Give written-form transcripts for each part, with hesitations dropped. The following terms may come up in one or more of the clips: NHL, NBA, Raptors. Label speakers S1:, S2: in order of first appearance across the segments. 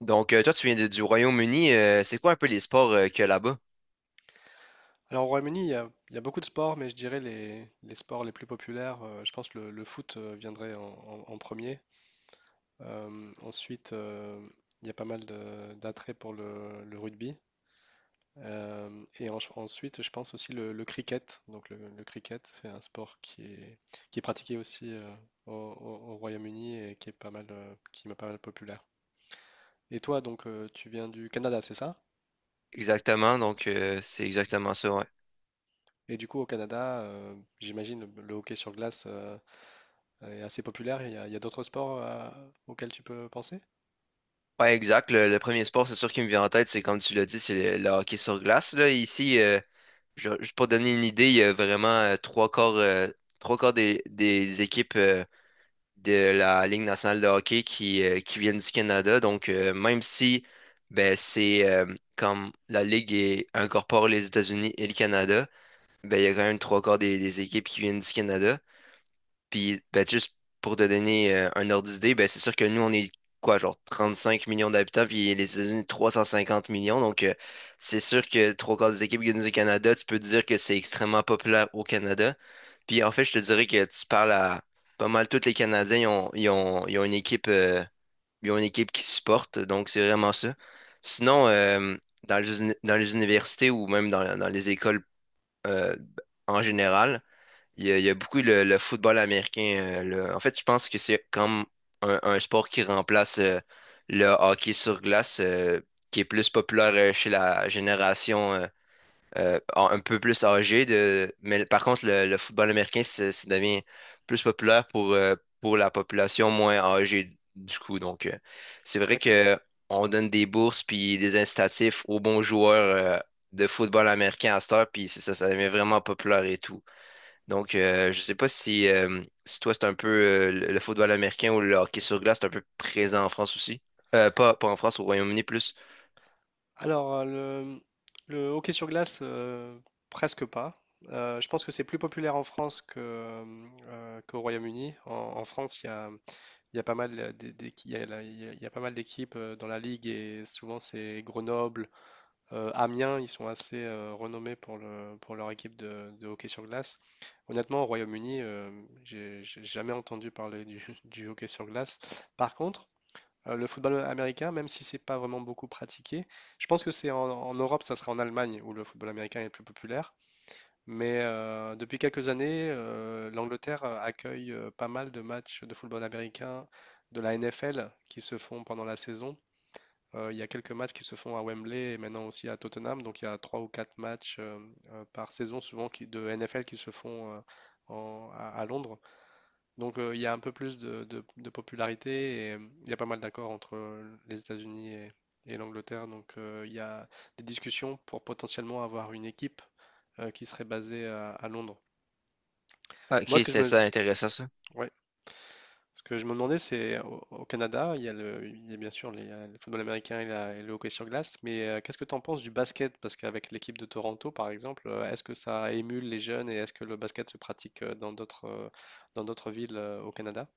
S1: Toi, tu viens du Royaume-Uni. C'est quoi un peu les sports qu'il y a là-bas?
S2: Alors au Royaume-Uni, il y a beaucoup de sports, mais je dirais les sports les plus populaires, je pense que le foot viendrait en premier. Ensuite, il y a pas mal d'attrait pour le rugby. Et ensuite, je pense aussi le cricket. Donc le cricket, c'est un sport qui est pratiqué aussi au Royaume-Uni et qui est pas mal populaire. Et toi, donc, tu viens du Canada, c'est ça?
S1: Exactement. C'est exactement ça, ouais.
S2: Et du coup, au Canada, j'imagine le hockey sur glace est assez populaire. Il y a d'autres sports auxquels tu peux penser?
S1: Ouais, exact. Le premier sport, c'est sûr qui me vient en tête, c'est comme tu l'as dit, c'est le hockey sur glace. Là, ici, pour donner une idée, il y a vraiment trois quarts des équipes de la Ligue nationale de hockey qui viennent du Canada. Même si ben, c'est comme la incorpore les États-Unis et le Canada, ben, il y a quand même trois quarts des équipes qui viennent du Canada. Puis, ben, juste pour te donner un ordre d'idée, ben, c'est sûr que nous, on est quoi, genre 35 millions d'habitants, puis les États-Unis, 350 millions. C'est sûr que trois quarts des équipes gagnent au Canada, tu peux te dire que c'est extrêmement populaire au Canada. Puis, en fait, je te dirais que tu parles à pas mal tous les Canadiens, ils ont une équipe, ils ont une équipe qui supporte. Donc, c'est vraiment ça. Sinon, dans dans les universités ou même dans, dans les écoles euh, en général, il y a beaucoup le football américain. En fait, je pense que c'est comme un sport qui remplace le hockey sur glace, qui est plus populaire chez la génération un peu plus âgée. De... Mais par contre, le football américain, ça devient plus populaire pour la population moins âgée du coup. C'est vrai
S2: D'accord.
S1: que on donne des bourses puis des incitatifs aux bons joueurs de football américain à cette heure, puis c'est ça, ça devient vraiment populaire et tout. Je sais pas si, si toi, c'est un peu le football américain ou le hockey sur glace, c'est un peu présent en France aussi. Pas en France, au Royaume-Uni plus.
S2: Alors, le, le hockey sur glace, presque pas. Je pense que c'est plus populaire en France qu'au Royaume-Uni. En France, il y a pas mal d'é- d'équi- il y a la- il y a pas mal d'équipes dans la ligue et souvent c'est Grenoble, Amiens. Ils sont assez renommés pour leur équipe de hockey sur glace. Honnêtement, au Royaume-Uni, j'ai jamais entendu parler du hockey sur glace. Par contre, le football américain, même si c'est pas vraiment beaucoup pratiqué, je pense que c'est en Europe, ça sera en Allemagne où le football américain est le plus populaire. Mais depuis quelques années, l'Angleterre accueille pas mal de matchs de football américain de la NFL qui se font pendant la saison. Il y a quelques matchs qui se font à Wembley et maintenant aussi à Tottenham. Donc il y a trois ou quatre matchs par saison souvent de NFL qui se font à, Londres. Donc il y a un peu plus de popularité et il y a pas mal d'accords entre les États-Unis et l'Angleterre. Donc il y a des discussions pour potentiellement avoir une équipe qui serait basée à Londres.
S1: Ok,
S2: Moi, ce que je
S1: c'est
S2: me,
S1: ça, intéressant ça.
S2: ouais, ce que je me demandais, c'est au Canada, il y a il y a bien sûr le football américain et le hockey sur glace, mais qu'est-ce que tu en penses du basket? Parce qu'avec l'équipe de Toronto, par exemple, est-ce que ça émule les jeunes et est-ce que le basket se pratique dans d'autres villes au Canada?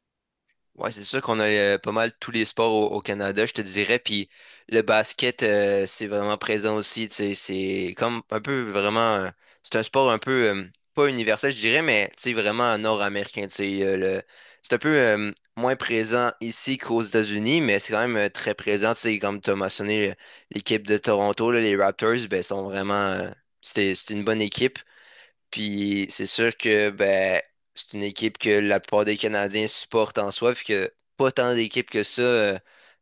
S1: Ouais, c'est sûr qu'on a pas mal tous les sports au, au Canada, je te dirais. Puis le basket, c'est vraiment présent aussi. Tu sais, c'est comme un peu vraiment. C'est un sport un peu pas universel, je dirais, mais tu sais, vraiment nord-américain. C'est un peu moins présent ici qu'aux États-Unis, mais c'est quand même très présent. Tu sais, comme tu as mentionné, l'équipe de Toronto, là, les Raptors, ben, sont vraiment. C'était, c'est une bonne équipe. Puis c'est sûr que ben, c'est une équipe que la plupart des Canadiens supportent en soi, puis que pas tant d'équipes que ça euh,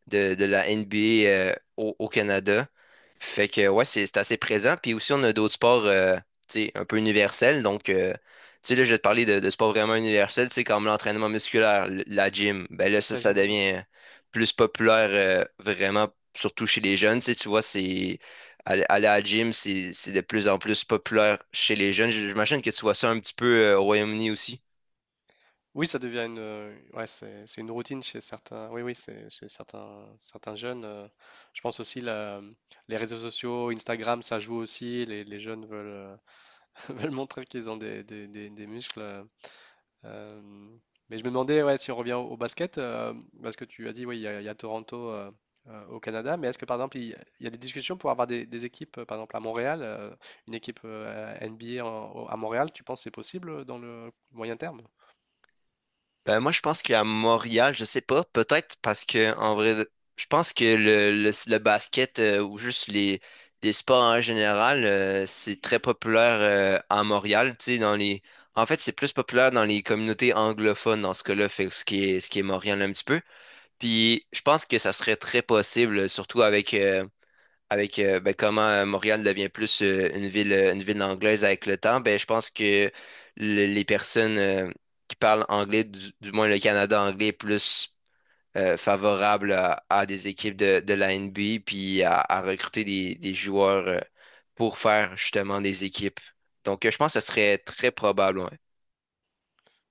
S1: de, de la NBA au Canada. Fait que ouais, c'est assez présent. Puis aussi, on a d'autres sports tu sais, un peu universels. Tu sais, là, je vais te parler de sports vraiment universels, tu sais, comme l'entraînement musculaire, la gym. Ben là,
S2: La
S1: ça
S2: GMA.
S1: devient plus populaire vraiment, surtout chez les jeunes. Tu sais, tu vois, c'est. Aller à la gym, c'est de plus en plus populaire chez les jeunes. J'imagine que tu vois ça un petit peu au Royaume-Uni aussi.
S2: Oui, ça devient ouais, c'est une routine chez certains. Oui, oui, c'est chez certains, certains jeunes. Je pense aussi les réseaux sociaux, Instagram, ça joue aussi. Les jeunes veulent, veulent montrer qu'ils ont des muscles. euh, mais je me demandais, ouais, si on revient au basket, parce que tu as dit, oui, il y a Toronto au Canada. Mais est-ce que par exemple, il y a des discussions pour avoir des équipes, par exemple à Montréal, une équipe NBA à Montréal, tu penses que c'est possible dans le moyen terme?
S1: Ben, moi, je pense qu'à Montréal, je sais pas, peut-être parce que, en vrai, je pense que le basket ou juste les sports en général, c'est très populaire à Montréal. Tu sais, dans les... En fait, c'est plus populaire dans les communautés anglophones dans ce cas-là, fait que ce qui est Montréal un petit peu. Puis, je pense que ça serait très possible, surtout avec ben, comment Montréal devient plus une une ville anglaise avec le temps, ben, je pense que les personnes qui parlent anglais, du moins le Canada anglais, est plus favorable à des équipes de la NBA, puis à recruter des joueurs pour faire justement des équipes. Je pense que ce serait très probable. Ouais.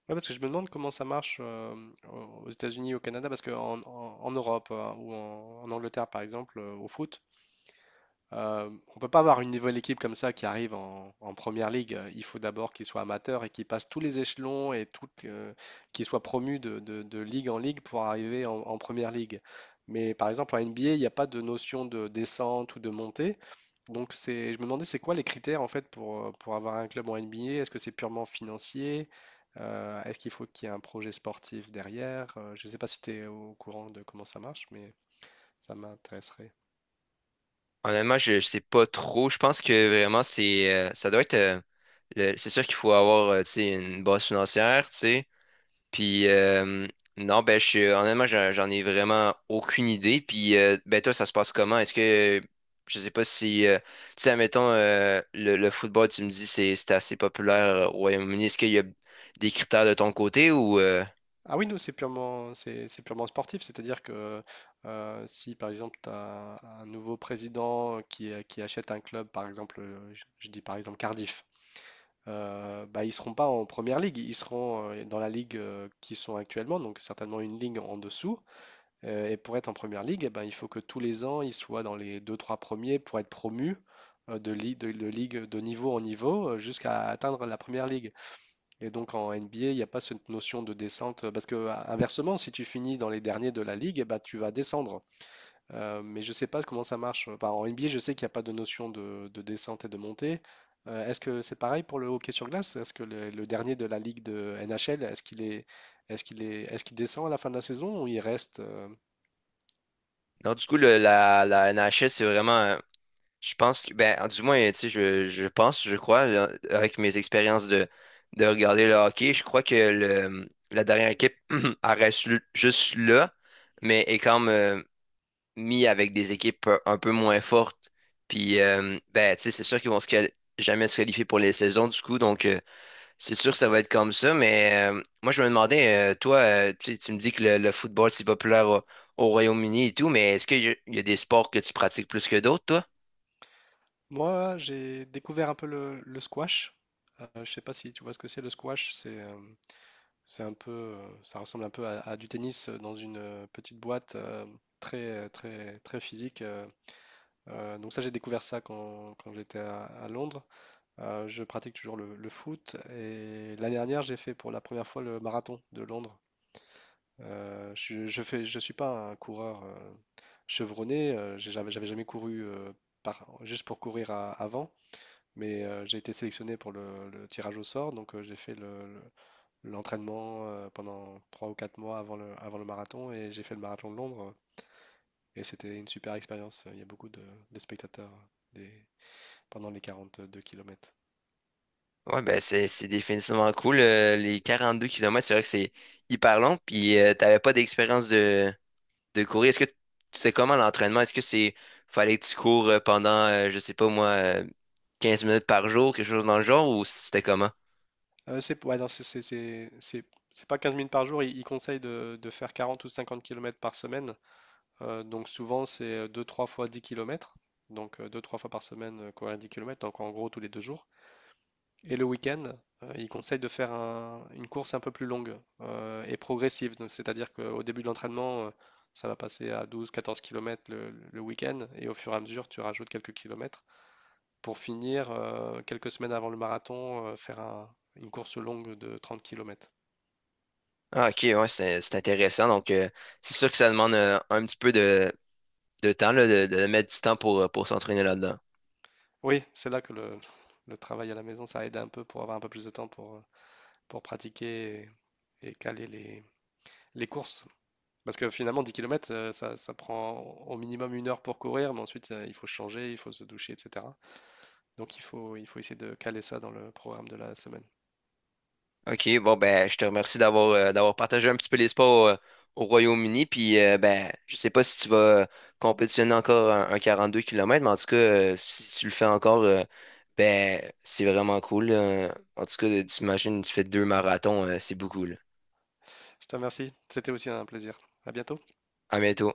S2: Ouais, parce que je me demande comment ça marche aux États-Unis, au Canada, parce qu'en en, en- en Europe ou en Angleterre, par exemple, au foot, on ne peut pas avoir une nouvelle équipe comme ça qui arrive en première ligue. Il faut d'abord qu'ils soient amateurs et qu'ils passent tous les échelons et tout, qu'ils soient promus de ligue en ligue pour arriver en première ligue. Mais par exemple, en NBA, il n'y a pas de notion de descente ou de montée. Donc, je me demandais c'est quoi les critères en fait pour avoir un club en NBA. Est-ce que c'est purement financier? Est-ce qu'il faut qu'il y ait un projet sportif derrière? Je ne sais pas si tu es au courant de comment ça marche, mais ça m'intéresserait.
S1: Honnêtement, je ne sais pas trop. Je pense que vraiment, c'est ça doit être... C'est sûr qu'il faut avoir tu sais, une base financière, tu sais. Puis Non, honnêtement, j'en ai vraiment aucune idée. Puis Ben toi, ça se passe comment? Est-ce que je sais pas si tu sais, admettons le football, tu me dis c'est assez populaire au Royaume-Uni. Est-ce qu'il y a des critères de ton côté ou
S2: Ah oui, nous, c'est purement sportif, c'est-à-dire que si par exemple tu as un nouveau président qui achète un club, par exemple, je dis par exemple Cardiff. Bah, ils seront pas en première ligue, ils seront dans la ligue qu'ils sont actuellement, donc certainement une ligue en dessous. Et pour être en première ligue, eh ben, il faut que tous les ans ils soient dans les deux trois premiers pour être promus de ligue de niveau en niveau jusqu'à atteindre la première ligue. Et donc en NBA, il n'y a pas cette notion de descente, parce que inversement, si tu finis dans les derniers de la ligue, eh ben, tu vas descendre. Mais je ne sais pas comment ça marche. Enfin, en NBA, je sais qu'il n'y a pas de notion de descente et de montée. Est-ce que c'est pareil pour le hockey sur glace? Est-ce que le dernier de la ligue de NHL, est-ce qu'il descend à la fin de la saison ou il reste?
S1: non, du coup la NHL, c'est vraiment je pense que- ben du moins tu sais, je pense, je crois, avec mes expériences de regarder le hockey, je crois que la dernière équipe elle reste juste là, mais est quand même. Mis avec des équipes un peu moins fortes. Puis, ben, tu sais, c'est sûr qu'ils vont jamais se qualifier pour les saisons, du coup. C'est sûr que ça va être comme ça. Moi, je me demandais, tu sais, tu me dis que le football, c'est populaire au, au Royaume-Uni et tout, mais est-ce qu'il y, a il y a des sports que tu pratiques plus que d'autres, toi?
S2: Moi, j'ai découvert un peu le squash. Je ne sais pas si tu vois ce que c'est le squash. C'est un peu, ça ressemble un peu à, du tennis dans une petite boîte très, très, très physique. Donc ça, j'ai découvert ça quand j'étais à Londres. Je pratique toujours le foot et l'année dernière, j'ai fait pour la première fois le marathon de Londres. Je suis pas un coureur chevronné. J'avais jamais couru juste pour courir avant, mais j'ai été sélectionné pour le tirage au sort, donc j'ai fait l'entraînement pendant 3 ou 4 mois avant le marathon et j'ai fait le marathon de Londres et c'était une super expérience. Il y a beaucoup de spectateurs des, pendant les 42 km.
S1: Ouais, ben c'est définitivement cool. Les deux kilomètres c'est vrai que c'est hyper long. Puis T'avais pas d'expérience de courir. Est-ce que tu sais comment l'entraînement? Est-ce que c'est Fallait que tu cours je sais pas moi, 15 minutes par jour, quelque chose dans le genre, ou c'était comment?
S2: C'est ouais, non, c'est pas 15 minutes par jour. Ils conseillent de faire 40 ou 50 kilomètres par semaine. Donc souvent c'est deux trois fois 10 kilomètres. Donc deux trois fois par semaine courir 10 kilomètres, donc en gros tous les 2 jours. Et le week-end, il conseille de faire une course un peu plus longue et progressive. Donc, c'est-à-dire qu'au début de l'entraînement, ça va passer à 12-14 km le week-end et au fur et à mesure, tu rajoutes quelques kilomètres pour finir, quelques semaines avant le marathon, faire une course longue de 30 km.
S1: Ah, ok, ouais, c'est intéressant. C'est sûr que ça demande un petit peu de temps, là, de mettre du temps pour s'entraîner là-dedans.
S2: Oui, c'est là que le travail à la maison, ça aide un peu pour avoir un peu plus de temps pour pratiquer et caler les courses. Parce que finalement, 10 kilomètres, ça prend au minimum une heure pour courir, mais ensuite, il faut changer, il faut se doucher, etc. Donc, il faut essayer de caler ça dans le programme de la semaine.
S1: OK, bon ben je te remercie d'avoir partagé un petit peu les sports au Royaume-Uni. Puis Ben je sais pas si tu vas euh, compétitionner encore un 42 km, mais en tout cas, si tu le fais encore, ben c'est vraiment cool. Là, en tout cas, t'imagines, tu fais deux marathons, c'est beaucoup là.
S2: Je te remercie. C'était aussi un plaisir. À bientôt.
S1: À bientôt.